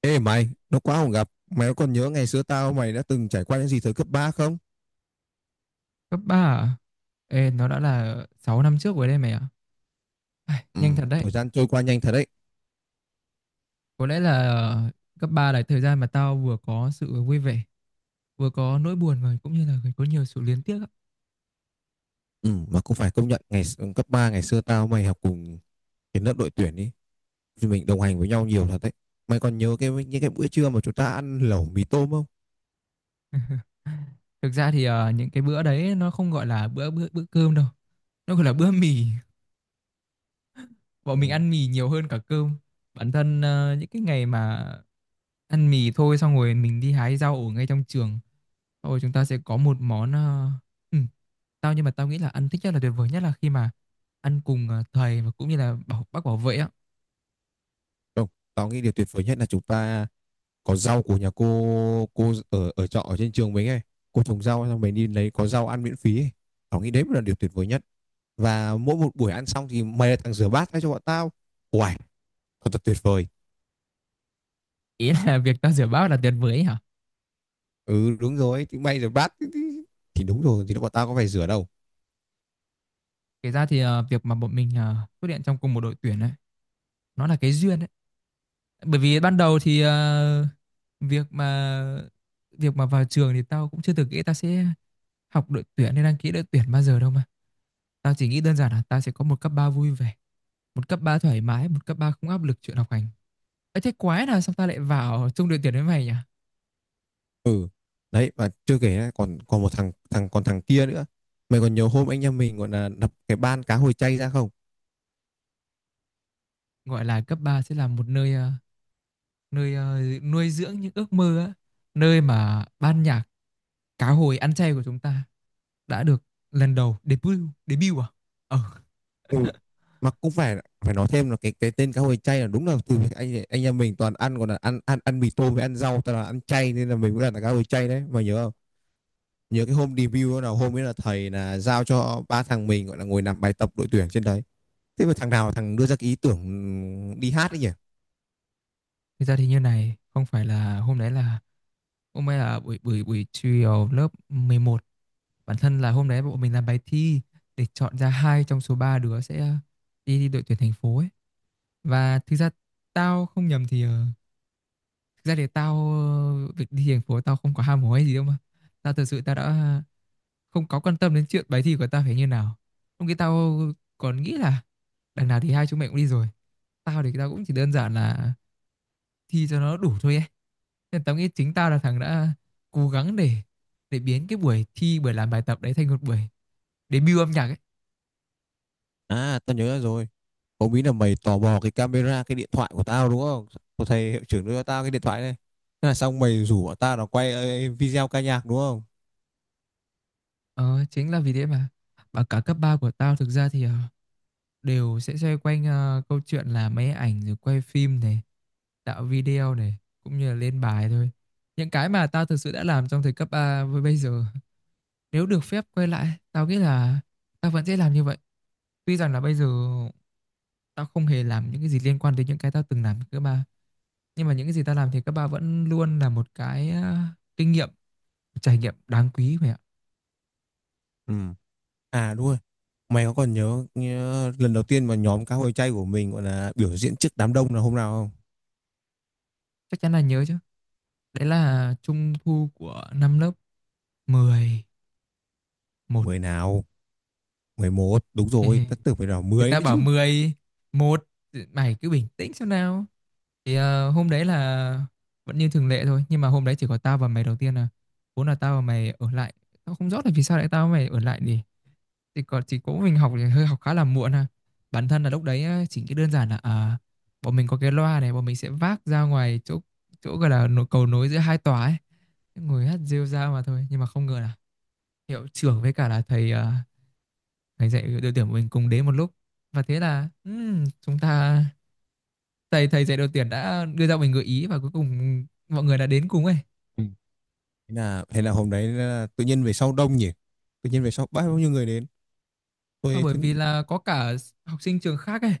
Ê mày, nó quá không gặp. Mày có còn nhớ ngày xưa tao mày đã từng trải qua những gì thời cấp 3 không? Cấp 3, à? Ê, nó đã là 6 năm trước rồi đây mày ạ. Ừ, Nhanh thật đấy. thời gian trôi qua nhanh thật đấy. Có lẽ là cấp 3 là thời gian mà tao vừa có sự vui vẻ, vừa có nỗi buồn và cũng như là có nhiều sự luyến tiếc á. Ừ, mà cũng phải công nhận cấp 3 ngày xưa tao mày học cùng cái lớp đội tuyển đi. Thì mình đồng hành với nhau nhiều thật đấy. Mày còn nhớ những cái bữa trưa mà chúng ta ăn lẩu mì tôm không? Thực ra thì những cái bữa đấy nó không gọi là bữa bữa bữa cơm đâu. Nó gọi là bữa mì. Ừ. Bọn mình ăn mì nhiều hơn cả cơm. Bản thân những cái ngày mà ăn mì thôi xong rồi mình đi hái rau ở ngay trong trường, xong rồi chúng ta sẽ có một món ừ, tao nhưng mà tao nghĩ là ăn thích nhất là tuyệt vời nhất là khi mà ăn cùng thầy và cũng như là bác bảo vệ á. Không, tao nghĩ điều tuyệt vời nhất là chúng ta có rau của nhà cô ở ở trọ ở trên trường mình ấy. Cô trồng rau xong mình đi lấy có rau ăn miễn phí ấy. Tao nghĩ đấy mới là điều tuyệt vời nhất. Và mỗi một buổi ăn xong thì mày là thằng rửa bát thay cho bọn tao. Uầy, thật tuyệt vời. Ý là việc tao rửa bát là tuyệt vời ấy hả? Ừ, đúng rồi thì mày rửa bát thì, đúng rồi thì bọn tao có phải rửa đâu. Kể ra thì việc mà bọn mình xuất hiện trong cùng một đội tuyển ấy, nó là cái duyên ấy. Bởi vì ban đầu thì việc mà việc mà vào trường thì tao cũng chưa từng nghĩ tao sẽ học đội tuyển hay đăng ký đội tuyển bao giờ đâu mà. Tao chỉ nghĩ đơn giản là tao sẽ có một cấp 3 vui vẻ, một cấp 3 thoải mái, một cấp 3 không áp lực chuyện học hành. Ấy thế quái nào sao tao lại vào chung đội tuyển với mày nhỉ? Ừ, đấy, và chưa kể còn còn một thằng thằng còn thằng kia nữa. Mày còn nhớ hôm anh em mình gọi là đập cái ban cá hồi chay ra không? Gọi là cấp 3 sẽ là một nơi nơi nuôi dưỡng những ước mơ á, nơi mà ban nhạc cá hồi ăn chay của chúng ta đã được lần đầu debut. Debut à? Ờ, Ừ, mà cũng phải phải nói thêm là cái tên cá hồi chay là đúng là từ anh em mình toàn ăn, còn là ăn ăn ăn mì tôm với ăn rau, toàn là ăn chay nên là mình cũng là cá hồi chay đấy, mày nhớ không? Nhớ cái hôm debut đó nào, hôm ấy là thầy là giao cho ba thằng mình gọi là ngồi làm bài tập đội tuyển trên đấy, thế mà thằng nào đưa ra cái ý tưởng đi hát đấy nhỉ? thực ra thì như này, không phải là hôm nay là buổi buổi buổi chiều lớp 11. Bản thân là hôm đấy bọn mình làm bài thi để chọn ra hai trong số ba đứa sẽ đi đội tuyển thành phố ấy. Và thực ra tao không nhầm thì thực ra thì việc đi thành phố tao không có ham hố hay gì đâu mà, tao thật sự đã không có quan tâm đến chuyện bài thi của tao phải như nào. Lúc kia tao còn nghĩ là đằng nào thì hai chúng mày cũng đi rồi, tao thì tao cũng chỉ đơn giản là thi cho nó đủ thôi ấy. Nên tao nghĩ chính tao là thằng đã cố gắng để biến cái buổi làm bài tập đấy thành một buổi debut âm nhạc ấy. À, tao nhớ rồi. Hôm ấy là mày tò mò cái camera cái điện thoại của tao đúng không? Xong thầy hiệu trưởng đưa cho tao cái điện thoại này, thế là xong mày rủ bọn tao là quay video ca nhạc đúng không? Ờ, chính là vì thế mà và cả cấp 3 của tao thực ra thì đều sẽ xoay quanh câu chuyện là máy ảnh rồi quay phim này, tạo video này, cũng như là lên bài thôi. Những cái mà tao thực sự đã làm trong thời cấp 3 với bây giờ, nếu được phép quay lại, tao nghĩ là tao vẫn sẽ làm như vậy. Tuy rằng là bây giờ tao không hề làm những cái gì liên quan đến những cái tao từng làm cấp ba, nhưng mà những cái gì tao làm thì cấp 3 vẫn luôn là một cái kinh nghiệm, trải nghiệm đáng quý mày ạ. Ừ. À, đúng rồi, mày có còn nhớ lần đầu tiên mà nhóm cá hồi chay của mình gọi là biểu diễn trước đám đông là hôm nào không? Chắc chắn là nhớ chứ. Đấy là trung thu của năm lớp 10, 1. Mười nào? Mười một, đúng rồi, tất tưởng Người phải là 10 ta nữa bảo chứ. 10, 1. Mày cứ bình tĩnh xem nào. Thì hôm đấy là vẫn như thường lệ thôi. Nhưng mà hôm đấy chỉ có tao và mày đầu tiên à. Vốn là tao và mày ở lại. Tao không rõ là vì sao lại tao và mày ở lại nhỉ. Thì còn chỉ có mình học thì hơi học khá là muộn à. Bản thân là lúc đấy á, chỉ cái đơn giản là à, bọn mình có cái loa này. Bọn mình sẽ vác ra ngoài chỗ chỗ gọi là cầu nối giữa hai tòa ấy. Ngồi hát rêu rao mà thôi. Nhưng mà không ngờ là hiệu trưởng với cả là thầy dạy đội tuyển của mình cùng đến một lúc, và thế là chúng ta thầy thầy dạy đội tuyển đã đưa ra mình gợi ý và cuối cùng mọi người đã đến cùng ấy. Ừ. Thế là hôm đấy là tự nhiên về sau đông nhỉ, tự nhiên về sau bao nhiêu người đến, Ờ, tôi bởi thấy. vì là có cả học sinh trường khác ấy,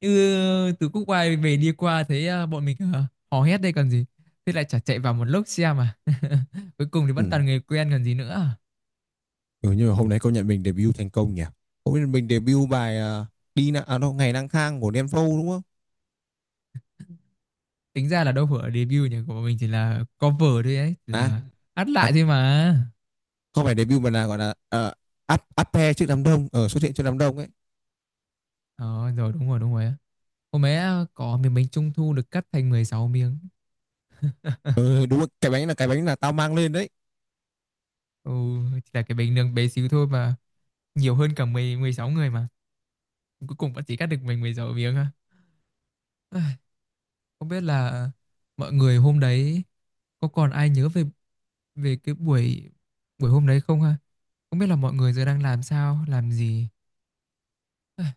như từ Quốc Oai về đi qua thấy bọn mình hò hét đây còn gì, thế lại chả chạy vào một lúc xem mà. Cuối cùng thì Ừ. vẫn toàn người quen còn gì nữa. Ừ, nhưng mà hôm đấy công nhận mình debut thành công nhỉ. Hôm nay mình debut bài à, đi na à, đâu ngày lang thang của Đen Vâu đúng không? Tính ra là đâu phải ở debut nhỉ, của bọn mình chỉ là cover thôi ấy, chỉ À, là hát à lại thôi mà. không phải debut mà là gọi là áp áp pe trước đám đông, ở xuất hiện trước đám đông ấy. Ờ rồi, đúng rồi, đúng rồi. Hôm ấy à, có miếng bánh trung thu được cắt thành mười sáu miếng. Ừ, đúng rồi. Cái bánh là cái bánh là tao mang lên đấy. Ừ, chỉ là cái bánh nướng bé xíu thôi mà, nhiều hơn cả mười mười sáu người mà. Cuối cùng vẫn chỉ cắt được mình 16 miếng ha. Ai, không biết là mọi người hôm đấy có còn ai nhớ về về cái buổi buổi hôm đấy không ha? Không biết là mọi người giờ đang làm sao, làm gì. Ai,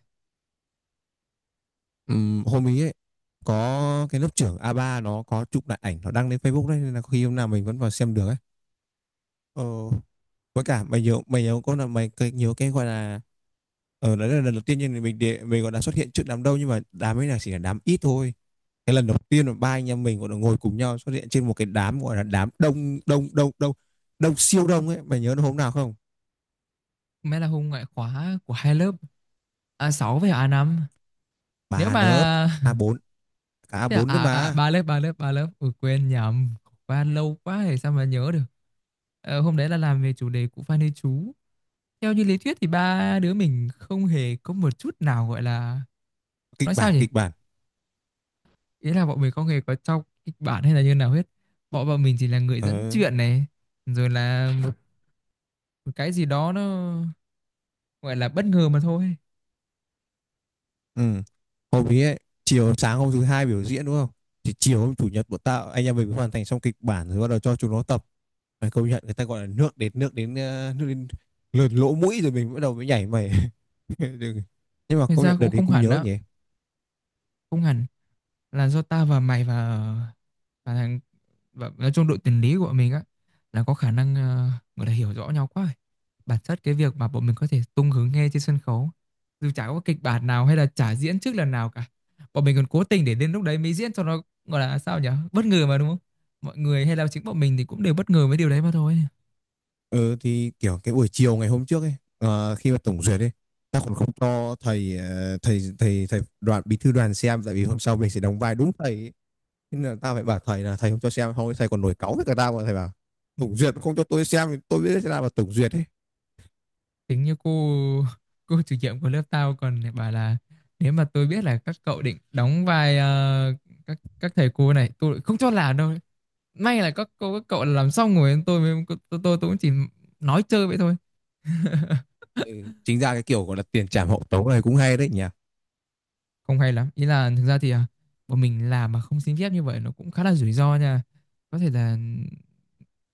Hôm ý ấy có cái lớp trưởng a ba nó có chụp lại ảnh, nó đăng lên Facebook đấy nên là khi hôm nào mình vẫn vào xem được ấy. ờ, với cả mày nhớ có là mày cái- nhớ cái gọi là. Ờ, đấy là lần đầu tiên nhưng mình để, mình còn đã xuất hiện trước đám đông nhưng mà đám ấy là chỉ là đám ít thôi. Cái lần đầu tiên là ba anh em mình còn được ngồi cùng nhau xuất hiện trên một cái đám gọi là đám đông đông đông đông đông siêu đông ấy. Mày nhớ nó hôm nào không? may là hôm ngoại khóa của hai lớp a sáu với a năm. Nếu Ba lớp mà a bốn, cả a Thế à, bốn nữa à, à mà. Ba lớp. Ui, quên nhầm, qua lâu quá thì sao mà nhớ được. Ờ, hôm đấy là làm về chủ đề cụ Phan Huy Chú. Theo như lý thuyết thì ba đứa mình không hề có một chút nào gọi là Kịch nói sao bản, nhỉ, kịch bản. ý là bọn mình không hề có trong kịch bản hay là như nào hết. Bọn bọn mình chỉ là người Ờ. dẫn chuyện này, rồi là một cái gì đó nó gọi là bất ngờ mà thôi. Ừ. Hôm ý ấy, chiều sáng hôm thứ hai biểu diễn đúng không? Thì chiều hôm chủ nhật bọn tao anh em mình mới hoàn thành xong kịch bản rồi bắt đầu cho chúng nó tập. Mày công nhận người ta gọi là nước đến lượn lỗ mũi rồi mình bắt đầu mới nhảy mày. Đừng- Nhưng mà Thành công ra nhận đợt cũng đấy không cũng hẳn nhớ đó, nhỉ. không hẳn là do ta và mày và thằng và nói chung đội tuyển lý của bọn mình á là có khả năng gọi là hiểu rõ nhau quá rồi. Bản chất cái việc mà bọn mình có thể tung hứng nghe trên sân khấu dù chả có kịch bản nào hay là chả diễn trước lần nào cả, bọn mình còn cố tình để đến lúc đấy mới diễn cho nó gọi là sao nhỉ, bất ngờ mà đúng không. Mọi người hay là chính bọn mình thì cũng đều bất ngờ với điều đấy mà thôi. Ừ thì kiểu cái buổi chiều ngày hôm trước ấy khi mà tổng duyệt ấy, ta còn không cho thầy thầy đoàn, bí thư đoàn xem tại vì hôm sau mình sẽ đóng vai đúng thầy ấy. Thế nên là tao phải bảo thầy là thầy không cho xem, không thầy còn nổi cáu với cả tao mà thầy bảo tổng duyệt không cho tôi xem thì tôi biết thế nào là tổng duyệt ấy. Tính như cô chủ nhiệm của lớp tao còn bảo là nếu mà tôi biết là các cậu định đóng vai các thầy cô này, tôi không cho làm đâu. May là các cô các cậu làm xong rồi tôi mới tôi cũng chỉ nói chơi vậy thôi. Ừ. Chính ra cái kiểu gọi là tiền trảm hậu tấu này cũng hay đấy nhỉ. Không hay lắm, ý là thực ra thì à, bọn mình làm mà không xin phép như vậy nó cũng khá là rủi ro nha. Có thể là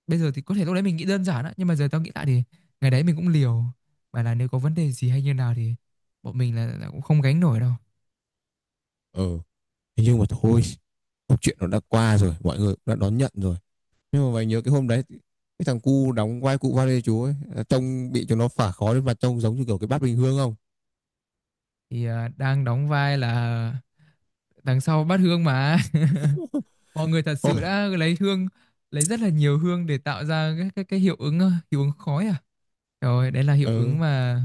bây giờ thì có thể lúc đấy mình nghĩ đơn giản á, nhưng mà giờ tao nghĩ lại thì ngày đấy mình cũng liều mà, là nếu có vấn đề gì hay như nào thì bọn mình là cũng không gánh nổi đâu. Ừ, nhưng mà thôi, câu chuyện nó đã qua rồi, mọi người đã đón nhận rồi. Nhưng mà mày nhớ cái hôm đấy, cái thằng cu đóng vai cụ Vale chú ấy à, trông bị cho nó phả khói lên mặt trông giống như kiểu cái bát bình hương không? Thì à, đang đóng vai là đằng sau bát hương mà. Mọi người thật sự đã lấy hương, lấy rất là nhiều hương để tạo ra cái cái hiệu ứng hiệu ứng khói à. Rồi, đấy là hiệu Ừ. ứng mà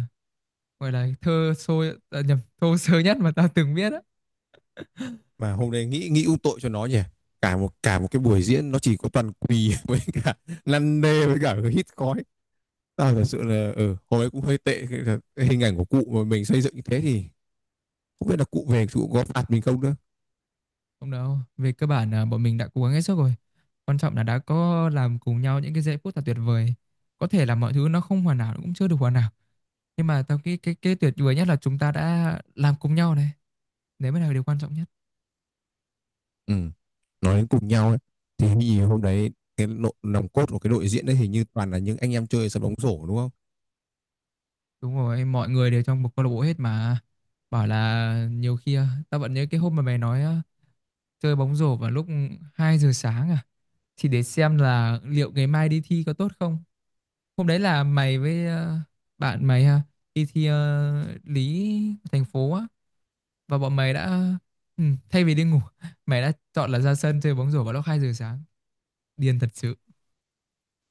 gọi là thơ sôi à, nhầm, thô sơ nhất mà tao từng biết á. Mà hôm đấy nghĩ nghĩ u tội cho nó nhỉ, cả một cái buổi diễn nó chỉ có toàn quỳ với cả lăn nê với cả hít khói. À, thật sự là ừ, hồi ấy cũng hơi tệ cái hình ảnh của cụ mà mình xây dựng như thế thì không biết là cụ về cụ có phạt mình không nữa. Không đâu, về cơ bản là bọn mình đã cố gắng hết sức rồi. Quan trọng là đã có làm cùng nhau những cái giây phút là tuyệt vời. Có thể là mọi thứ nó không hoàn hảo, nó cũng chưa được hoàn hảo, nhưng mà tao nghĩ cái tuyệt vời nhất là chúng ta đã làm cùng nhau này. Đấy mới là điều quan trọng nhất. Ừ. Nói đến cùng nhau ấy, thì hình như hôm đấy cái lộ, nòng cốt của cái đội diễn đấy hình như toàn là những anh em chơi sập bóng rổ đúng không? Đúng rồi, mọi người đều trong một câu lạc bộ hết mà. Bảo là nhiều khi à, tao vẫn nhớ cái hôm mà mày nói à, chơi bóng rổ vào lúc 2 giờ sáng à, thì để xem là liệu ngày mai đi thi có tốt không. Hôm đấy là mày với bạn mày ha, đi thi lý thành phố á, và bọn mày đã ừ, thay vì đi ngủ mày đã chọn là ra sân chơi bóng rổ vào lúc 2 giờ sáng. Điên thật sự.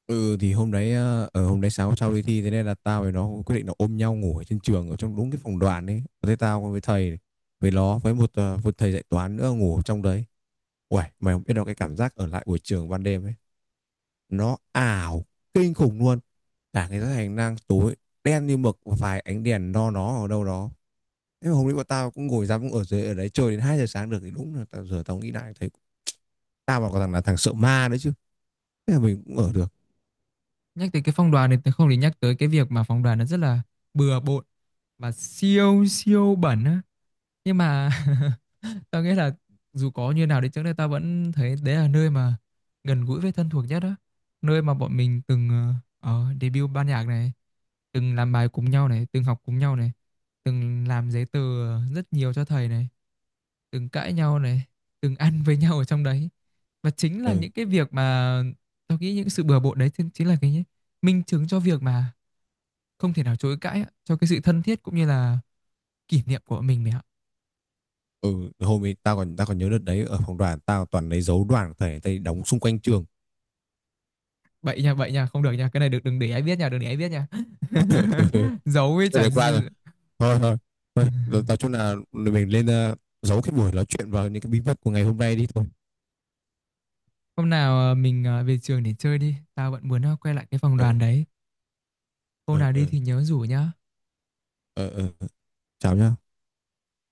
Ừ thì hôm đấy sáng sau đi thi thế nên là tao với nó quyết định là ôm nhau ngủ ở trên trường ở trong đúng cái phòng đoàn ấy, thế tao với thầy với nó với một thầy dạy toán nữa ngủ trong đấy. Uầy, mày không biết đâu cái cảm giác ở lại buổi trường ban đêm ấy, nó ảo kinh khủng luôn. Cả cái hành lang tối đen như mực và vài ánh đèn no nó ở đâu đó, thế mà hôm nay bọn tao cũng ngồi dám cũng ở dưới ở đấy chơi đến 2 giờ sáng được thì đúng là tao giờ tao nghĩ lại thấy tao mà còn thằng sợ ma đấy chứ, thế là mình cũng ở được. Nhắc tới cái phong đoàn này tôi không thể nhắc tới cái việc mà phong đoàn nó rất là bừa bộn và siêu siêu bẩn á, nhưng mà tao nghĩ là dù có như nào đi chăng nữa tao vẫn thấy đấy là nơi mà gần gũi với thân thuộc nhất đó, nơi mà bọn mình từng debut ban nhạc này, từng làm bài cùng nhau này, từng học cùng nhau này, từng làm giấy tờ rất nhiều cho thầy này, từng cãi nhau này, từng ăn với nhau ở trong đấy, và chính là Ừ. những cái việc mà tao nghĩ những sự bừa bộn đấy chính chính là cái minh chứng cho việc mà không thể nào chối cãi á, cho cái sự thân thiết cũng như là kỷ niệm của mình mày ạ. Ừ hôm ấy tao còn nhớ đợt đấy ở phòng đoàn tao toàn lấy dấu đoàn thể tây đóng xung quanh trường. Bậy nha, bậy nha, không được nha, cái này được đừng để ai biết nha, đừng để ai biết nha. Giấu với Chuyện chả đấy gì. qua rồi, thôi thôi, rồi tao chung là mình lên giấu cái buổi nói chuyện vào những cái bí mật của ngày hôm nay đi thôi. Hôm nào mình về trường để chơi đi, tao vẫn muốn quay lại cái phòng Ừ. đoàn đấy. Hôm ừ nào đi ừ thì nhớ rủ nhá. ừ, ừ. Chào nhá.